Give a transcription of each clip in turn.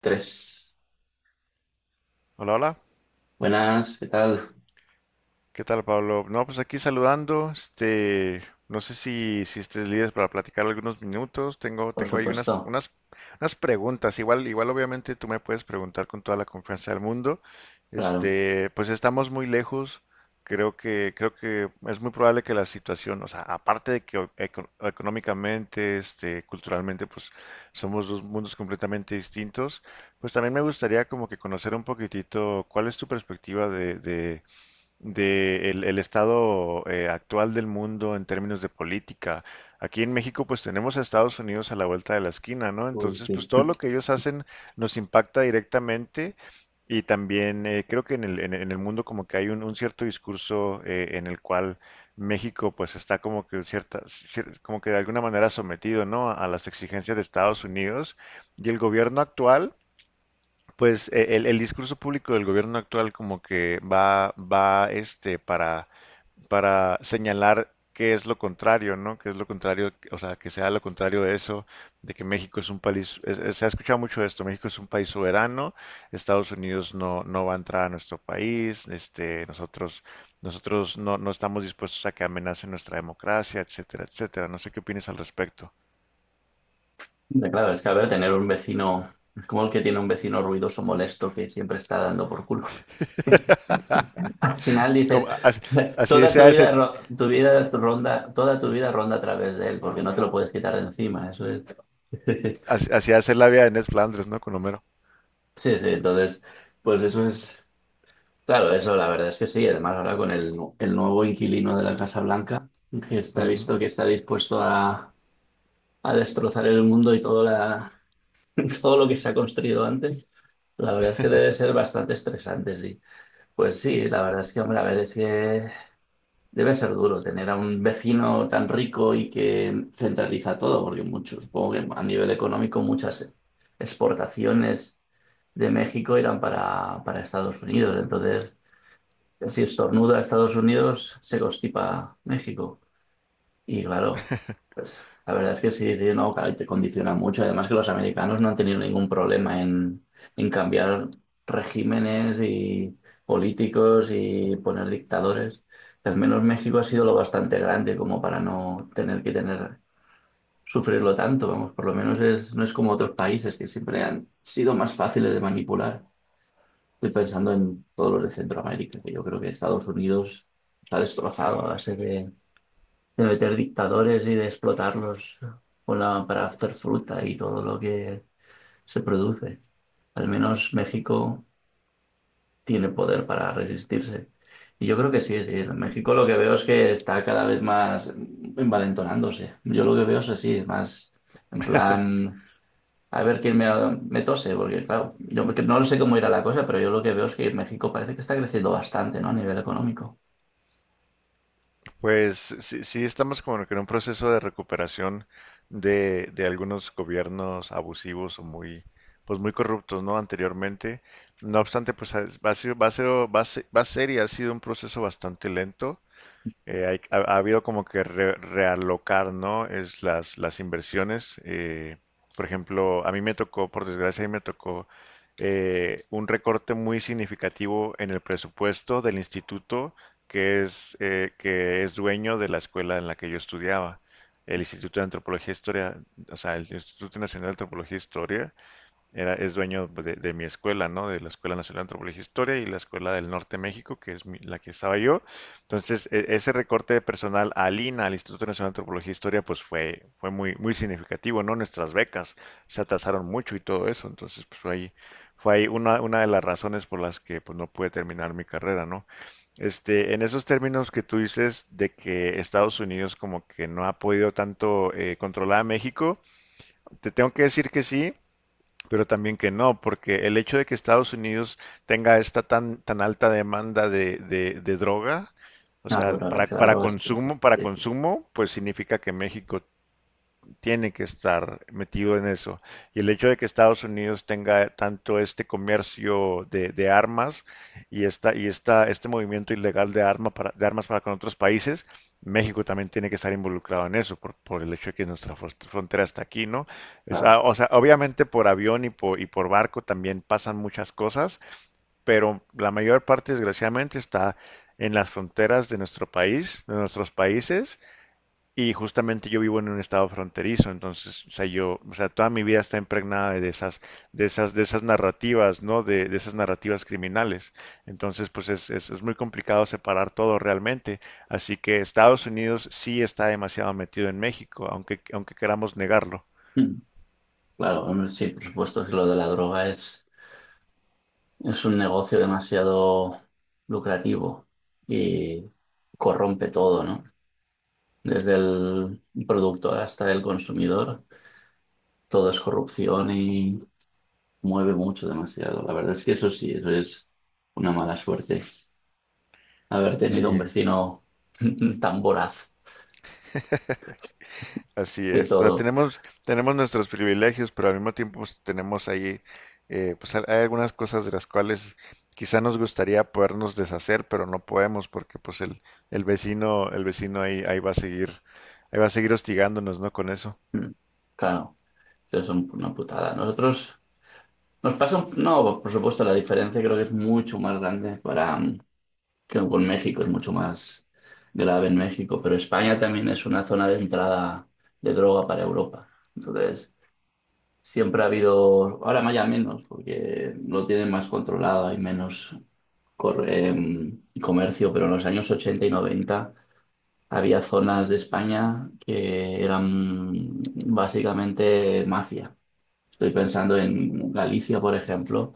Tres. Hola, hola. Buenas, ¿qué tal? ¿Qué tal, Pablo? No, pues aquí saludando. No sé si estés libre para platicar algunos minutos. Por Tengo ahí supuesto, unas preguntas. Igual, obviamente tú me puedes preguntar con toda la confianza del mundo. claro. Este, pues estamos muy lejos. Creo que es muy probable que la situación, o sea, aparte de que económicamente, culturalmente, pues somos dos mundos completamente distintos. Pues también me gustaría como que conocer un poquitito cuál es tu perspectiva de el estado actual del mundo en términos de política. Aquí en México pues tenemos a Estados Unidos a la vuelta de la esquina, ¿no? Uy, Entonces pues sí. todo lo que ellos hacen nos impacta directamente y también creo que en en el mundo como que hay un cierto discurso en el cual México pues está como que como que de alguna manera sometido, ¿no? A las exigencias de Estados Unidos y el gobierno actual pues el discurso público del gobierno actual como que va para señalar qué es lo contrario, ¿no? Qué es lo contrario, o sea, que sea lo contrario de eso, de que México es un país, se ha escuchado mucho esto, México es un país soberano, Estados Unidos no va a entrar a nuestro país, nosotros no estamos dispuestos a que amenacen nuestra democracia, etcétera, etcétera. No sé qué opinas al respecto. Hombre, claro, es que, a ver, tener un vecino es como el que tiene un vecino ruidoso, molesto, que siempre está dando por culo. Al final dices, Como- as- Así, toda tu sea. vida, toda tu vida ronda a través de él, porque no te lo puedes quitar de encima, eso es. Así, así hace la vida de Ned Flanders, ¿no? Con Homero. Sí, sí, entonces, pues eso es, claro, eso la verdad es que sí. Además, ahora con el, el nuevo inquilino de la Casa Blanca, que está Ujú. visto que está dispuesto a destrozar el mundo y todo, todo lo que se ha construido antes, la verdad es que debe ser bastante estresante, sí. Pues sí, la verdad es que, hombre, a ver, es que debe ser duro tener a un vecino tan rico y que centraliza todo, porque mucho, supongo que a nivel económico muchas exportaciones de México irán para Estados Unidos. Entonces, si estornuda a Estados Unidos, se constipa México. Y claro, pues la verdad es que sí, sí, no, claro, y te condiciona mucho. Además, que los americanos no han tenido ningún problema en cambiar regímenes y políticos y poner dictadores. Al menos México ha sido lo bastante grande como para no tener que tener, sufrirlo tanto, vamos, por lo menos es, no es como otros países que siempre han sido más fáciles de manipular. Estoy pensando en todos los de Centroamérica, que yo creo que Estados Unidos está destrozado a base de meter dictadores y de explotarlos con para hacer fruta y todo lo que se produce. Al menos México tiene poder para resistirse. Y yo creo que sí, sí. México lo que veo es que está cada vez más envalentonándose. Yo lo que veo es así, más en plan, a ver me tose, porque claro, no sé cómo irá la cosa, pero yo lo que veo es que México parece que está creciendo bastante, ¿no? A nivel económico. Pues sí, sí estamos como que en un proceso de recuperación de algunos gobiernos abusivos o muy, pues muy corruptos, ¿no? Anteriormente. No obstante, pues ha- va a ser, va a ser, va a ser, va a ser y ha sido un proceso bastante lento. Ha habido como que realocar, ¿no? Es las inversiones. Por ejemplo, a mí me tocó, por desgracia, a mí me tocó un recorte muy significativo en el presupuesto del instituto que es dueño de la escuela en la que yo estudiaba. El Instituto de Antropología e Historia, o sea, el Instituto Nacional de Antropología e Historia, era, es dueño pues, de mi escuela, ¿no? De la Escuela Nacional de Antropología e Historia y la Escuela del Norte de México, que es la que estaba yo. Entonces, ese recorte de personal al INA, al Instituto Nacional de Antropología e Historia, pues fue muy significativo, ¿no? Nuestras becas se atrasaron mucho y todo eso. Entonces, pues fue ahí una de las razones por las que pues no pude terminar mi carrera, ¿no? Este, en esos términos que tú dices de que Estados Unidos como que no ha podido tanto controlar a México, te tengo que decir que sí, pero también que no, porque el hecho de que Estados Unidos tenga esta tan alta demanda de droga, o Ah, sea, bueno, la droga sí, claro. Para Sí, sí, consumo, pues significa que México tiene que estar metido en eso. Y el hecho de que Estados Unidos tenga tanto este comercio de armas y esta, este movimiento ilegal de armas para con otros países, México también tiene que estar involucrado en eso, por el hecho de que nuestra frontera está aquí, ¿no? Claro. O sea, obviamente por avión y por barco también pasan muchas cosas, pero la mayor parte, desgraciadamente, está en las fronteras de nuestro país, de nuestros países, y justamente yo vivo en un estado fronterizo, entonces, o sea, yo, o sea, toda mi vida está impregnada de esas, de esas narrativas, ¿no? De esas narrativas criminales. Entonces, pues es muy complicado separar todo realmente. Así que Estados Unidos sí está demasiado metido en México, aunque queramos negarlo. Claro, hombre, sí, por supuesto que lo de la droga es un negocio demasiado lucrativo y corrompe todo, ¿no? Desde el productor hasta el consumidor, todo es corrupción y mueve mucho, demasiado. La verdad es que eso sí, eso es una mala suerte. Haber tenido un Sí, vecino tan voraz así de es, o sea, todo. tenemos, tenemos nuestros privilegios, pero al mismo tiempo pues, tenemos ahí, pues hay algunas cosas de las cuales quizá nos gustaría podernos deshacer, pero no podemos porque pues el vecino ahí va a seguir, ahí va a seguir hostigándonos, ¿no? Con eso. Mm, Claro, eso es una putada. Nosotros nos pasa, no, por supuesto, la diferencia creo que es mucho más grande para... que con México es mucho más grave en México, pero España también es una zona de entrada de droga para Europa. Entonces, siempre ha habido, ahora más ya menos, porque lo tienen más controlado, hay menos comercio, pero en los años 80 y 90 había zonas de España que eran básicamente mafia. Estoy pensando en Galicia, por ejemplo.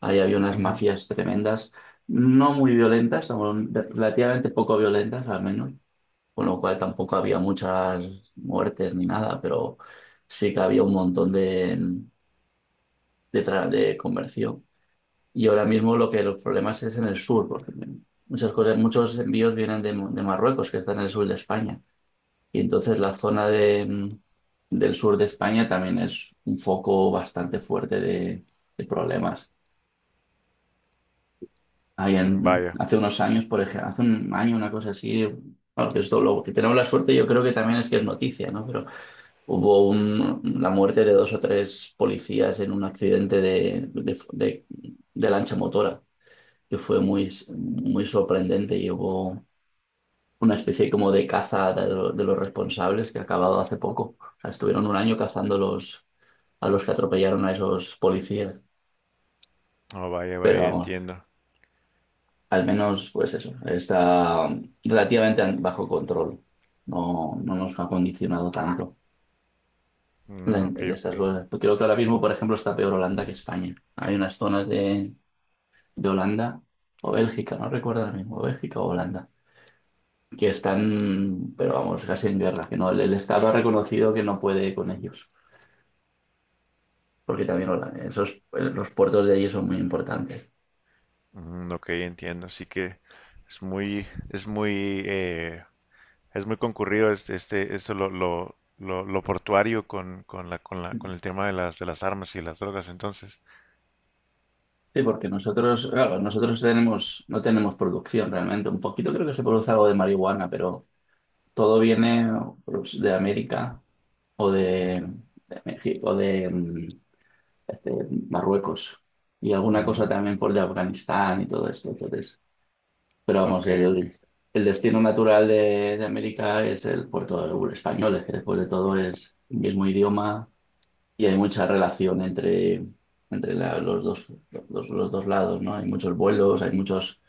Ahí había unas Ujú. mafias tremendas, no muy violentas, o relativamente poco violentas al menos, con lo cual tampoco había muchas muertes ni nada, pero sí que había un montón de comercio. Y ahora mismo lo que los problemas es en el sur, porque muchas cosas, muchos envíos vienen de Marruecos, que está en el sur de España. Y entonces la zona de, del sur de España también es un foco bastante fuerte de problemas. Ahí Vaya, hace unos años, por ejemplo, hace un año, una cosa así, claro, que esto lo que tenemos la suerte, yo creo que también, es que es noticia, ¿no? Pero hubo la muerte de dos o tres policías en un accidente de lancha motora, que fue muy, muy sorprendente, y hubo una especie como de caza de, de los responsables, que ha acabado hace poco. O sea, estuvieron un año cazando los, a los que atropellaron a esos policías, oh, vaya, pero vaya, vamos, entiendo. al menos, pues eso, está relativamente bajo control. No, no nos ha condicionado tanto Mm, ok, en ok. estas cosas. Creo que ahora mismo, por ejemplo, está peor Holanda que España. Hay unas zonas de Holanda o Bélgica, no recuerdo ahora mismo, Bélgica o Holanda, que están, pero vamos, casi en guerra, que no, el Estado ha reconocido que no puede con ellos, porque también esos, los puertos de allí son muy importantes. Mm, ok, entiendo. Así que es muy, es muy concurrido este, eso lo portuario con la, con el tema de las armas y las drogas, entonces. Sí, porque nosotros, claro, nosotros tenemos, no tenemos producción realmente. Un poquito creo que se produce algo de marihuana, pero todo viene pues, de América o de México, de, este, Marruecos y alguna cosa Mm, también por de Afganistán y todo esto. Entonces, pero vamos, ok, ok. El destino natural de América es el puerto del español, es que después de todo es el mismo idioma, y hay mucha relación entre, entre los dos, los dos lados, ¿no? Hay muchos vuelos, hay muchos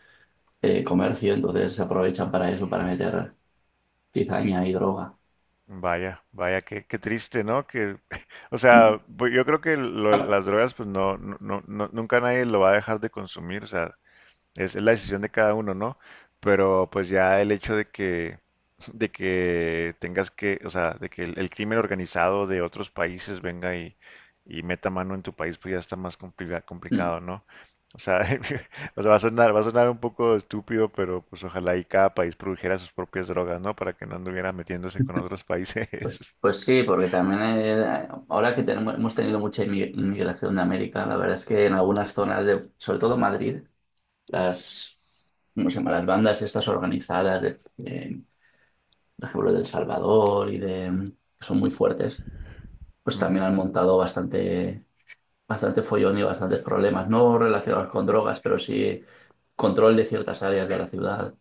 comercio, entonces se aprovechan para eso, para meter cizaña y droga. Vaya, vaya, qué, qué triste, ¿no? Que, o Mm. sea, pues, yo creo que Ah, las drogas, pues nunca nadie lo va a dejar de consumir, o sea, es la decisión de cada uno, ¿no? Pero pues ya el hecho de que, de que tengas que, o sea, de que el crimen organizado de otros países venga y meta mano en tu país, pues ya está más mm. complicado, ¿no? O sea, o sea, va a sonar un poco estúpido, pero pues ojalá y cada país produjera sus propias drogas, ¿no? Para que no anduviera metiéndose con otros Pues, países. pues sí, porque también, ahora que tenemos, hemos tenido mucha inmigración de América, la verdad es que en algunas zonas de, sobre todo Madrid, las, ¿cómo se llama? Las bandas estas organizadas de, por ejemplo, de El Salvador y de, que son muy fuertes, pues también Ujú. han montado bastante, bastante follón y bastantes problemas, no relacionados con drogas, pero sí control de ciertas áreas de la ciudad,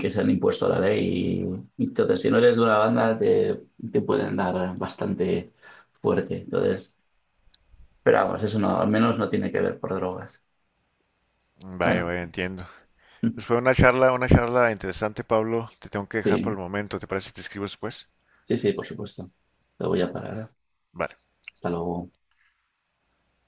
que se han impuesto a la ley. Y entonces, si no eres de una banda, te pueden dar bastante fuerte. Entonces, pero vamos, eso no, al menos no tiene que ver por drogas. Vaya, Bueno, vaya, entiendo. Pues fue una charla interesante, Pablo. Te tengo que dejar por el sí, momento. ¿Te parece si te escribo después? sí, sí, por supuesto. Lo voy a parar. Vale. Hasta luego.